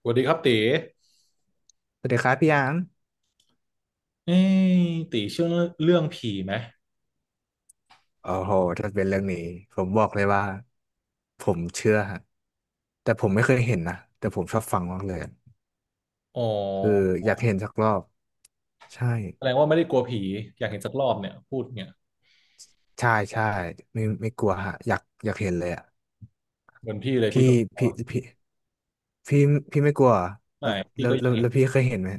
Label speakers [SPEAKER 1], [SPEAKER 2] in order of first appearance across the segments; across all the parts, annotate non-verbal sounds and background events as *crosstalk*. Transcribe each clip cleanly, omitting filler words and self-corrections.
[SPEAKER 1] สวัสดีครับตี
[SPEAKER 2] สวัสดีครับพี่หยาม
[SPEAKER 1] เอ้ยตีเชื่อเรื่องผีไหม
[SPEAKER 2] โอ้โหถ้าเป็นเรื่องนี้ผมบอกเลยว่าผมเชื่อฮะ แต่ผมไม่เคยเห็นนะแต่ผมชอบฟังมากเลย
[SPEAKER 1] อ๋อ
[SPEAKER 2] คืออยากเห็นสักรอบ ใช่
[SPEAKER 1] แสดงว่าไม่ได้กลัวผีอยากเห็นสักรอบเนี่ยพูดเนี่ย
[SPEAKER 2] ใช่ใช่ไม่กลัวฮะ อยากเห็นเลยอ่ะ
[SPEAKER 1] เหมือนพี่เลยพี่
[SPEAKER 2] พี่
[SPEAKER 1] ก็
[SPEAKER 2] พี่พี่พี่พี่ไม่กลัวเหรอแล้
[SPEAKER 1] ไม่
[SPEAKER 2] ว
[SPEAKER 1] พี่
[SPEAKER 2] แล้ว
[SPEAKER 1] ก็อยา
[SPEAKER 2] แล้
[SPEAKER 1] ก
[SPEAKER 2] ว
[SPEAKER 1] เห็น
[SPEAKER 2] แล้วพี่เคยเห็นไหม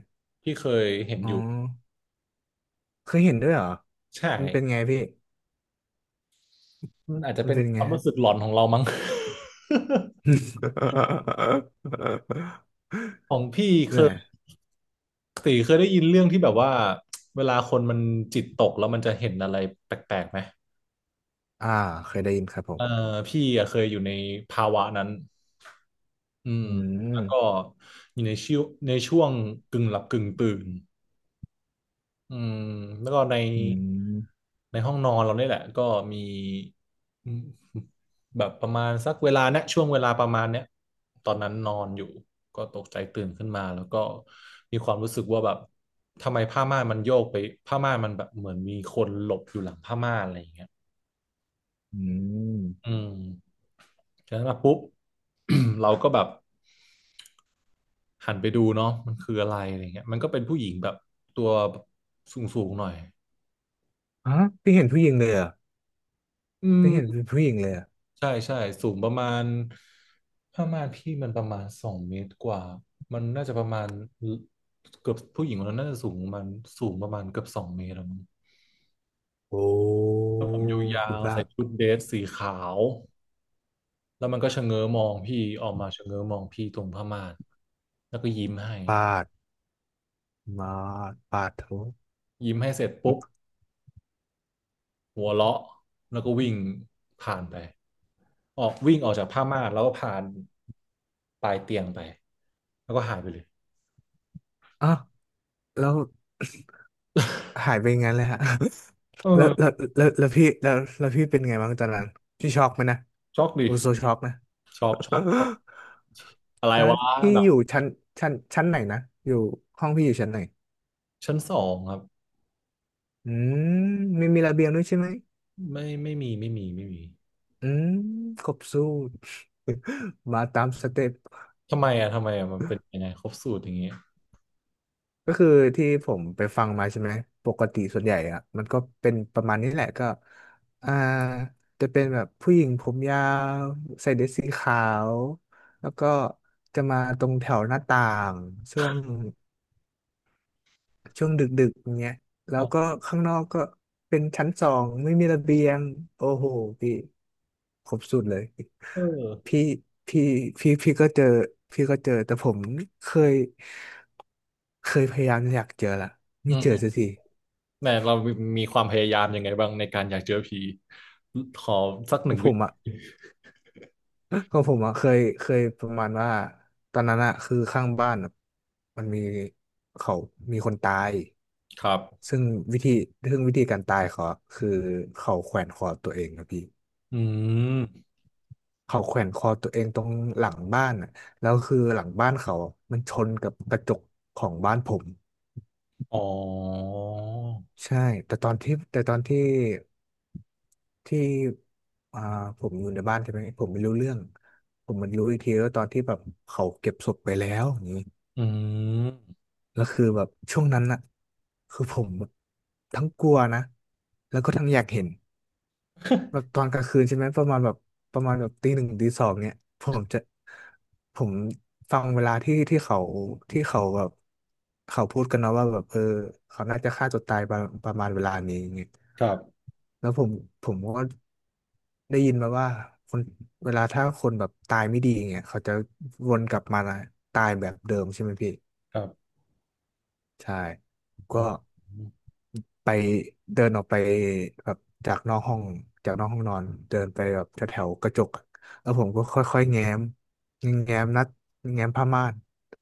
[SPEAKER 1] พี่เคยเห็น
[SPEAKER 2] อ๋อ
[SPEAKER 1] อยู่
[SPEAKER 2] เคยเห็นด้วยเหรอ
[SPEAKER 1] ใช่
[SPEAKER 2] มันเป็นไงพี่
[SPEAKER 1] มันอาจจะ
[SPEAKER 2] มัน
[SPEAKER 1] เป็น
[SPEAKER 2] เป็น
[SPEAKER 1] ค
[SPEAKER 2] ไง
[SPEAKER 1] วาม
[SPEAKER 2] ฮะ
[SPEAKER 1] รู้สึกหลอนของเรามั้ง
[SPEAKER 2] *laughs*
[SPEAKER 1] *laughs* ของพี่เค
[SPEAKER 2] เนี่ย
[SPEAKER 1] ยตีเคยได้ยินเรื่องที่แบบว่าเวลาคนมันจิตตกแล้วมันจะเห็นอะไรแปลกๆไหม
[SPEAKER 2] อ่าเคยได้ยินครับผ
[SPEAKER 1] เอ
[SPEAKER 2] ม
[SPEAKER 1] อพี่เคยอยู่ในภาวะนั้นอืม
[SPEAKER 2] อื
[SPEAKER 1] แล้วก็
[SPEAKER 2] ม
[SPEAKER 1] อยู่ในช่วงกึ่งหลับกึ่งตื่น อืมแล้วก็ใน
[SPEAKER 2] อืม
[SPEAKER 1] ในห้องนอนเราเนี่ยแหละก็มีอืมแบบประมาณสักเวลาเนี้ยช่วงเวลาประมาณเนี้ยตอนนั้นนอนอยู่ก็ตกใจตื่นขึ้นมาแล้วก็มีความรู้สึกว่าแบบทำไมผ้าม่านมันโยกไปผ้าม่านมันแบบเหมือนมีคนหลบอยู่หลังผ้าม่านอะไรอย่างเงี้ย
[SPEAKER 2] อื
[SPEAKER 1] อื
[SPEAKER 2] ม
[SPEAKER 1] มจากนั้นมาปุ๊บ *clears throat* เราก็แบบหันไปดูเนาะมันคืออะไรอะไรเงี้ยมันก็เป็นผู้หญิงแบบตัวสูงสูงหน่อย
[SPEAKER 2] ฮะไม่เห็นผู้หญิงเลยเหรอ่ะ
[SPEAKER 1] อื
[SPEAKER 2] ไม่เห็นเป็
[SPEAKER 1] ม
[SPEAKER 2] นผู้หญิงเลยเหรอ่ะ
[SPEAKER 1] ใช่ใช่สูงประมาณผ้าม่านพี่มันประมาณสองเมตรกว่ามันน่าจะประมาณเกือบผู้หญิงคนนั้นน่าจะสูงประมาณเกือบสองเมตรแล้วมั้ง
[SPEAKER 2] โอ้
[SPEAKER 1] ยา
[SPEAKER 2] คุณ
[SPEAKER 1] ว
[SPEAKER 2] พระ
[SPEAKER 1] ใส่ชุดเดรสสีขาวแล้วมันก็ชะเง้อมองพี่ออกมาชะเง้อมองพี่ตรงผ้าม่านแล้วก็ยิ้มให้
[SPEAKER 2] ปาดมาปาดโถ
[SPEAKER 1] ยิ้มให้เสร็จปุ๊บหัวเราะแล้วก็วิ่งผ่านไปออกวิ่งออกจากผ้าม่านแล้วก็ผ่านปลายเตียงไปแล้วก็หายไปเลย
[SPEAKER 2] อ้าวแล้วหายไปงั้นเลยฮะ *laughs* แล้วแล้
[SPEAKER 1] เออ
[SPEAKER 2] วแล้วพี่แล้วแล้วพี่เป็นไงบ้างตอนนั้นพี่ช็อกไหมนะ
[SPEAKER 1] ช็อกดิ
[SPEAKER 2] โอ้โซช็อกนะ
[SPEAKER 1] ชอบชอบชอบอะไร
[SPEAKER 2] *laughs* ตอนนั้
[SPEAKER 1] วะ
[SPEAKER 2] นพี่
[SPEAKER 1] แบ
[SPEAKER 2] อยู่
[SPEAKER 1] บ
[SPEAKER 2] ชั้นไหนนะอยู่ห้องพี่อยู่ชั้นไหน
[SPEAKER 1] ชั้น 2ครับ
[SPEAKER 2] อืมมีระเบียงด้วยใช่ไหม
[SPEAKER 1] ไม่มี
[SPEAKER 2] อืมครบสูตร *laughs* มาตามสเต็ป
[SPEAKER 1] ทำไมอ่ะมันเป็นยังไงครบสูตรอย่างเงี้ย
[SPEAKER 2] ก็คือที่ผมไปฟังมาใช่ไหมปกติส่วนใหญ่อะมันก็เป็นประมาณนี้แหละก็อ่าจะเป็นแบบผู้หญิงผมยาวใส่เดรสสีขาวแล้วก็จะมาตรงแถวหน้าต่างช่วง ช่วงดึกๆอย่างเงี้ยแล้
[SPEAKER 1] อ๋
[SPEAKER 2] ว
[SPEAKER 1] อ
[SPEAKER 2] ก็ข้างนอกก็เป็นชั้น 2ไม่มีระเบียงโอ้โหพี่ครบสุดเลย
[SPEAKER 1] เออ
[SPEAKER 2] พี่พี่พี่ก็เจอแต่ผมเคยเคยพยายามอยากเจอละ
[SPEAKER 1] อื
[SPEAKER 2] ไม่
[SPEAKER 1] ม
[SPEAKER 2] เจอ
[SPEAKER 1] อืม
[SPEAKER 2] สักที
[SPEAKER 1] แหมเรามีความพยายามยังไงบ้างในการอยากเจอผีขอสักห
[SPEAKER 2] เพ
[SPEAKER 1] นึ่ง
[SPEAKER 2] ราะผ
[SPEAKER 1] วิ
[SPEAKER 2] ม
[SPEAKER 1] ธ
[SPEAKER 2] อ่ะ
[SPEAKER 1] ี
[SPEAKER 2] ก็ผมอ่ะเคยประมาณว่าตอนนั้นอ่ะคือข้างบ้านอะมันเขามีคนตาย
[SPEAKER 1] ครับ
[SPEAKER 2] ซึ่งวิธีซึ่งวิธีการตายเขาอะคือเขาแขวนคอตัวเองครับพี่
[SPEAKER 1] อืม
[SPEAKER 2] เขาแขวนคอตัวเองตรงหลังบ้านอ่ะแล้วคือหลังบ้านเขาอะมันชนกับกระจกของบ้านผม
[SPEAKER 1] อ๋อ
[SPEAKER 2] ใช่แต่ตอนที่ที่อ่าผมอยู่ในบ้านใช่ไหมผมไม่รู้เรื่องผมมันรู้อีกทีก็ตอนที่แบบเขาเก็บศพไปแล้วอย่างนี้
[SPEAKER 1] อืม
[SPEAKER 2] แล้วคือแบบช่วงนั้นอ่ะคือผมแบบทั้งกลัวนะแล้วก็ทั้งอยากเห็น แบบต
[SPEAKER 1] *laughs*
[SPEAKER 2] อนกลางคืนใช่ไหมประมาณแบบประมาณแบบตี 1 ตี 2เนี่ยผมจะผมฟังเวลาที่เขาแบบเขาพูดกันเนาะว่าแบบเออเขาน่าจะฆ่าตัวตายประมาณเวลานี้อย่างเงี้ย
[SPEAKER 1] ครับ
[SPEAKER 2] แล้วผมก็ได้ยินมาว่าคนเวลาถ้าคนแบบตายไม่ดีอย่างเงี้ยเขาจะวนกลับมาตายแบบเดิมใช่ไหมพี่
[SPEAKER 1] ครับ
[SPEAKER 2] ใช่
[SPEAKER 1] อ๋
[SPEAKER 2] ก็
[SPEAKER 1] อ
[SPEAKER 2] ไปเดินออกไปแบบจากนอกห้องจากนอกห้องนอนเดินไปแบบแถวๆกระจกอะแล้วผมก็ค่อยๆแง้มนัดแง้มผ้าม่าน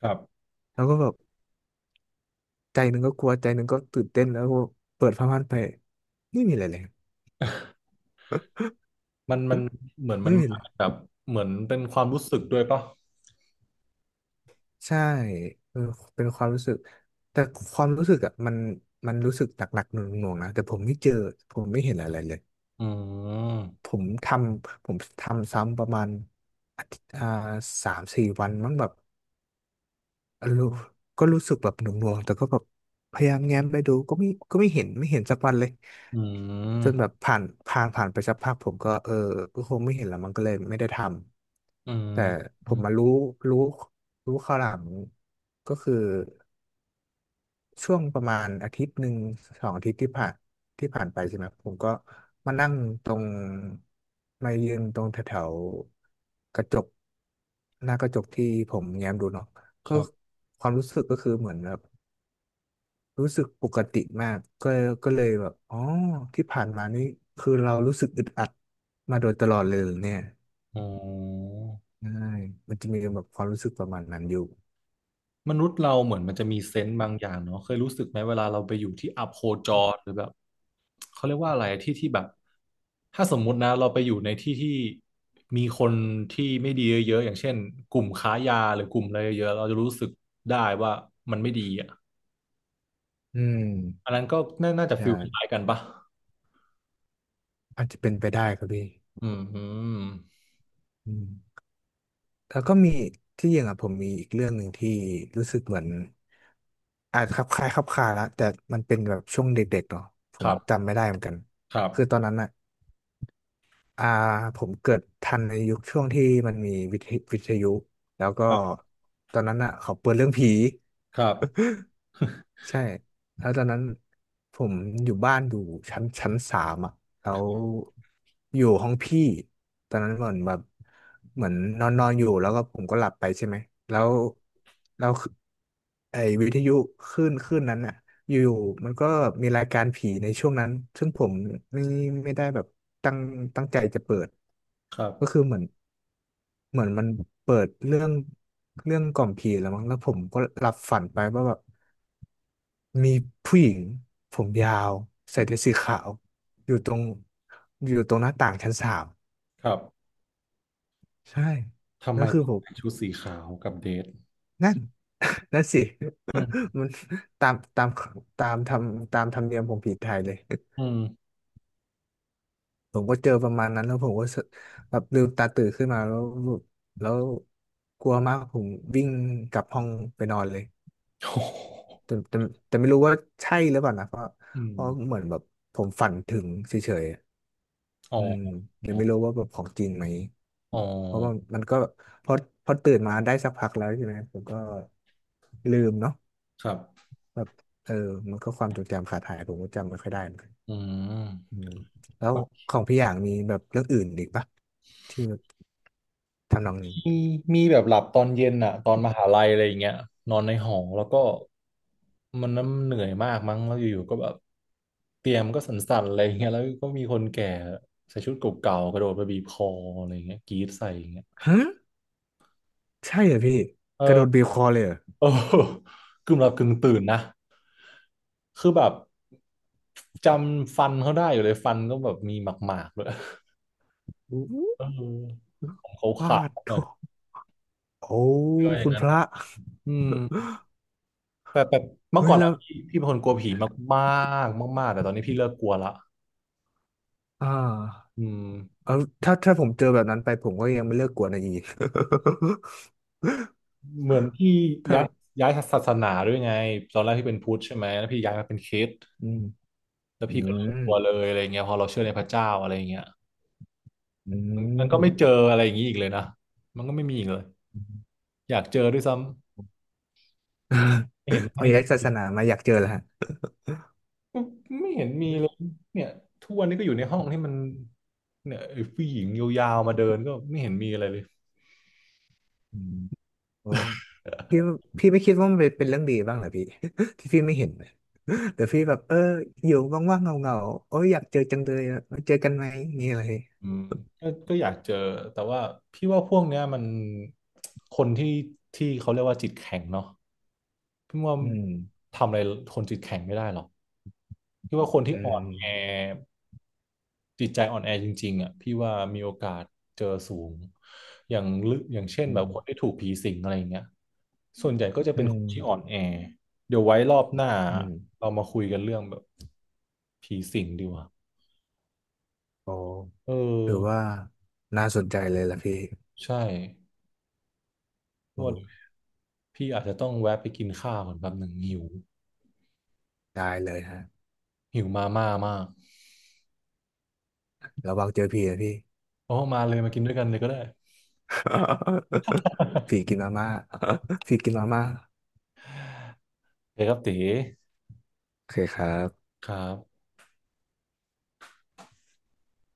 [SPEAKER 1] ครับ
[SPEAKER 2] แล้วก็แบบใจหนึ่งก็กลัวใจหนึ่งก็ตื่นเต้นแล้วก็เปิดผ้าม่านไปไม่มีอะไรเลย
[SPEAKER 1] มันเหมือนมั
[SPEAKER 2] ไม่
[SPEAKER 1] น
[SPEAKER 2] มีเล
[SPEAKER 1] มา
[SPEAKER 2] ย
[SPEAKER 1] แบบเหมือนเป็นความรู้สึกด้วยป่ะ
[SPEAKER 2] ใช่เออเป็นความรู้สึกแต่ความรู้สึกอ่ะมันรู้สึกหนักๆหน่วงๆนะแต่ผมไม่เจอผมไม่เห็นอะไรเลย
[SPEAKER 1] อื
[SPEAKER 2] ผ
[SPEAKER 1] ม
[SPEAKER 2] มทผมทำซ้ำประมาณอาทิตย์3-4 วันมั้งแบบรู้ก็รู้สึกแบบหน่วงๆแต่ก็แบบพยายามแง้มไปดูก็ไม่เห็นสักวันเลย
[SPEAKER 1] อื
[SPEAKER 2] จนแบบ
[SPEAKER 1] ม
[SPEAKER 2] ผ่านไปสักพักผมก็ก็คงไม่เห็นแล้วมันก็เลยไม่ได้ท
[SPEAKER 1] อื
[SPEAKER 2] ำแต่
[SPEAKER 1] ม
[SPEAKER 2] ผมมารู้รู้ข้าวหลังก็คือ ช่วงประมาณอาทิตย์หนึ่งสองอาทิตย์ที่ผ่านไปใช่ไหมครับผมก็มานั่งตรงมายืนตรงแถวๆกระจกหน้ากระจกที่ผมแง้มดูเนาะ
[SPEAKER 1] ค
[SPEAKER 2] ก็
[SPEAKER 1] รับ
[SPEAKER 2] ความรู้สึกก็คือเหมือนแบบรู้สึกปกติมากก็เลยแบบอ๋อที่ผ่านมานี่คือเรารู้สึกอึดอัดมาโดยตลอดเลยเหรอเนี่ย
[SPEAKER 1] อ๋อ
[SPEAKER 2] ใช่มันจะมีแบบความรู้สึกประมาณนั้นอยู่
[SPEAKER 1] มนุษย์เราเหมือนมันจะมีเซนส์บางอย่างเนาะเคยรู้สึกไหมเวลาเราไปอยู่ที่อัพโคจรหรือแบบเขาเรียกว่าอะไรที่แบบถ้าสมมุตินะเราไปอยู่ในที่ที่มีคนที่ไม่ดีเยอะๆอย่างเช่นกลุ่มค้ายาหรือกลุ่มอะไรเยอะๆเราจะรู้สึกได้ว่ามันไม่ดีอ่ะ
[SPEAKER 2] อืม
[SPEAKER 1] อันนั้นก็น่าจะฟิ
[SPEAKER 2] ใช่
[SPEAKER 1] ลคล้ายกันปะ
[SPEAKER 2] อาจจะเป็นไปได้ครับพี่
[SPEAKER 1] อืมอืม
[SPEAKER 2] อืม แล้วก็มีที่จริงอ่ะผมมีอีกเรื่องหนึ่งที่รู้สึกเหมือนอาจจะคลับคล้ายคลับคลาละแต่มันเป็นแบบช่วงเด็กๆเนาะผ
[SPEAKER 1] ค
[SPEAKER 2] ม
[SPEAKER 1] รั
[SPEAKER 2] จำ
[SPEAKER 1] บ
[SPEAKER 2] ไม่ได้เหมือนกัน
[SPEAKER 1] ครั
[SPEAKER 2] คือตอ
[SPEAKER 1] บ
[SPEAKER 2] นนั้นอ่ะอ่าผมเกิดทันในยุคช่วงที่มันมีวิทยุแล้วก็
[SPEAKER 1] ครับ
[SPEAKER 2] ตอนนั้นอ่ะเขาเปิดเรื่องผี
[SPEAKER 1] ครับ
[SPEAKER 2] ใช่แล้วตอนนั้นผมอยู่บ้านอยู่ชั้นสามอ่ะแล้วอยู่ห้องพี่ตอนนั้นเหมือนนอนนอนอยู่แล้วก็ผมก็หลับไปใช่ไหมแล้วแล้วคือไอ้วิทยุคลื่นนั้นอ่ะอยู่ๆมันก็มีรายการผีในช่วงนั้น ซึ่งผมไม่ไม่ได้แบบตั้งตั้งใจจะเปิด
[SPEAKER 1] ครับ
[SPEAKER 2] ก็คือเหมือนมันเปิดเรื่องกล่อมผีแล้วมั้งแล้วผมก็หลับฝันไปว่าแบบ มีผู้หญิงผมยาวใส่เดรสสีขาวอยู่ตรงอยู่ตรงหน้าต่างชั้นสาม
[SPEAKER 1] ครับ
[SPEAKER 2] ใช่
[SPEAKER 1] ทำ
[SPEAKER 2] แล้
[SPEAKER 1] ไม
[SPEAKER 2] วคือ
[SPEAKER 1] ต้อง
[SPEAKER 2] ผม
[SPEAKER 1] ใส่ชุดสีขาวกับเดท
[SPEAKER 2] นั่นนั่นสิ *laughs*
[SPEAKER 1] อืม
[SPEAKER 2] มันตามตามตามทำตามธรรมเนียมของผีไทยเลย
[SPEAKER 1] อืม
[SPEAKER 2] ผมก็เจอประมาณนั้นแล้วผมก็แบบลืมตาตื่นขึ้นมาแล้วแล้วกลัวมากผมวิ่งกลับห้องไปนอนเลย
[SPEAKER 1] โอ้โห
[SPEAKER 2] แต่แต่แต่ไม่รู้ว่าใช่หรือเปล่านะเพราะ
[SPEAKER 1] อื
[SPEAKER 2] เพ
[SPEAKER 1] ม
[SPEAKER 2] ราะเหมือนแบบผมฝันถึงเฉยๆอะ
[SPEAKER 1] อ๋
[SPEAKER 2] อื
[SPEAKER 1] อ
[SPEAKER 2] มเลยไม่รู้ว่าแบบของจริงไหม
[SPEAKER 1] อ๋อ
[SPEAKER 2] เพราะว่ามันก็พอพอตื่นมาได้สักพักแล้วใช่ไหมผมก็ลืมเนาะ
[SPEAKER 1] ครับ
[SPEAKER 2] แบบเออมันก็ความจดจำขาดหายผมก็จำไม่ค่อยได้เหมือนกัน
[SPEAKER 1] อื
[SPEAKER 2] อื
[SPEAKER 1] ม
[SPEAKER 2] มแล้ว
[SPEAKER 1] บาง
[SPEAKER 2] ของพี่อย่างมีแบบเรื่องอื่นอีกปะที่แบบทำนองนี้
[SPEAKER 1] ทีมีแบบหลับตอนเย็นอะตอนมหาลัยอะไรอย่างเงี้ยนอนในหอแล้วก็มันน้ำเหนื่อยมากมั้งแล้วอยู่ๆก็แบบเตียงมนก็สั่นๆอะไรอย่างเงี้ยแล้วก็มีคนแก่ใส่ชุดเก่าๆกระโดดมาบีบคออะไรอย่างเงี้ยกรี๊ดใส่อย่างเงี้ย
[SPEAKER 2] ฮะใช่เหรอพี่
[SPEAKER 1] เอ
[SPEAKER 2] กระโด
[SPEAKER 1] อ
[SPEAKER 2] ดบีบคอเลยเหรอ
[SPEAKER 1] เออกึ่งหลับกึ่งตื่นนะคือแบบจำฟันเขาได้อยู่เลยฟันก็แบบมีหมากๆเลย
[SPEAKER 2] อู้
[SPEAKER 1] เออ เขา
[SPEAKER 2] วา
[SPEAKER 1] ขาด
[SPEAKER 2] ด
[SPEAKER 1] ห
[SPEAKER 2] โถ
[SPEAKER 1] น่อย
[SPEAKER 2] โอ้
[SPEAKER 1] เยอ
[SPEAKER 2] คุ
[SPEAKER 1] ย่าง
[SPEAKER 2] ณ
[SPEAKER 1] นั้
[SPEAKER 2] พ
[SPEAKER 1] น
[SPEAKER 2] ระ
[SPEAKER 1] นะอืมแต่แบบเมื่อ
[SPEAKER 2] เฮ้ย
[SPEAKER 1] ก่อน
[SPEAKER 2] แล้
[SPEAKER 1] อะ
[SPEAKER 2] ว
[SPEAKER 1] พี่เป็นคนกลัวผีมากๆมากๆแต่ตอนนี้พี่เลิกกลัวละ
[SPEAKER 2] อ่า
[SPEAKER 1] อืม
[SPEAKER 2] เอาถ้าผมเจอแบบนั้นไปผมก็ยังไม่เลิกกวนอะอี *laughs*
[SPEAKER 1] เหมือนพี่
[SPEAKER 2] ถ้า
[SPEAKER 1] ย้ายย้ายศาสนาด้วยไงตอนแรกพี่เป็นพุทธใช่ไหมแล้วพี่ย้ายมาเป็นคริสต์
[SPEAKER 2] อืม
[SPEAKER 1] แล้ว
[SPEAKER 2] อื
[SPEAKER 1] พี่ก็เลิกกลัวเล
[SPEAKER 2] ม
[SPEAKER 1] ยอะไรเงี้ยพอเราเชื่อในพระเจ้าอะไรเงี้ย
[SPEAKER 2] อื
[SPEAKER 1] มัน
[SPEAKER 2] ม
[SPEAKER 1] ก็ไม่เจออะไรอย่างนี้อีกเลยนะมันก็ไม่มีอีกเลยอยากเจอด้วยซ้ำ
[SPEAKER 2] *laughs* พอย้ายศาสนามาอยากเจอแล้วฮะ
[SPEAKER 1] ไม่เห็นมีเลยเนี่ยทุกวันนี้ก็อยู่ในห้องที่มันเนี่ยไอ้ผู้หญิงยาวๆมาเดินก็ไม่เห็นมีอะไรเลย
[SPEAKER 2] อืมโอ้พี่พี่ไม่คิดว่ามันเป็นเรื่องดีบ้างเหรอพี่ *laughs* ที่พี่ไม่เห็นนะแต่พี่แบบเอออยู่ว่างๆเงาๆโอ้ยอยากเจอจังเลยอะมาเจอกันไหมนี่อะไร
[SPEAKER 1] อืมก็อยากเจอแต่ว่าพี่ว่าพวกเนี้ยมันคนที่เขาเรียกว่าจิตแข็งเนาะพี่ว่า
[SPEAKER 2] อืม
[SPEAKER 1] ทำอะไรคนจิตแข็งไม่ได้หรอกพี่ว่าคนที่
[SPEAKER 2] อื
[SPEAKER 1] อ่อ
[SPEAKER 2] ม
[SPEAKER 1] นแอจิตใจอ่อนแอจริงๆอ่ะพี่ว่ามีโอกาสเจอสูงอย่างลึกอย่างเช่น
[SPEAKER 2] อื
[SPEAKER 1] แบบ
[SPEAKER 2] ม
[SPEAKER 1] คนที่ถูกผีสิงอะไรอย่างเงี้ยส่วนใหญ่ก็จะ
[SPEAKER 2] อื
[SPEAKER 1] เป็นคน
[SPEAKER 2] ม
[SPEAKER 1] ที่อ่อนแอเดี๋ยวไว้รอบหน้า
[SPEAKER 2] อืม
[SPEAKER 1] เรามาคุยกันเรื่องแบบผีสิงดีกว่า
[SPEAKER 2] โอ้
[SPEAKER 1] เออ
[SPEAKER 2] ถือว่าน่าสนใจเลยล่ะพี่
[SPEAKER 1] ใช่
[SPEAKER 2] โอ้
[SPEAKER 1] ว่า พี่อาจจะต้องแวะไปกินข้าวก่อนแป๊บหนึ่งหิว
[SPEAKER 2] ได้เลยฮะ
[SPEAKER 1] หิวมาม่ามาก
[SPEAKER 2] ระวังเจอผีนะพี่
[SPEAKER 1] โอ้มาเลยมากินด้วยกันเลยก็ได้
[SPEAKER 2] *laughs* ผีกิ
[SPEAKER 1] *laughs*
[SPEAKER 2] นมาม่า *laughs* ผีกินมาม่า
[SPEAKER 1] โอเคครับตี
[SPEAKER 2] โอเคครับ
[SPEAKER 1] ครับ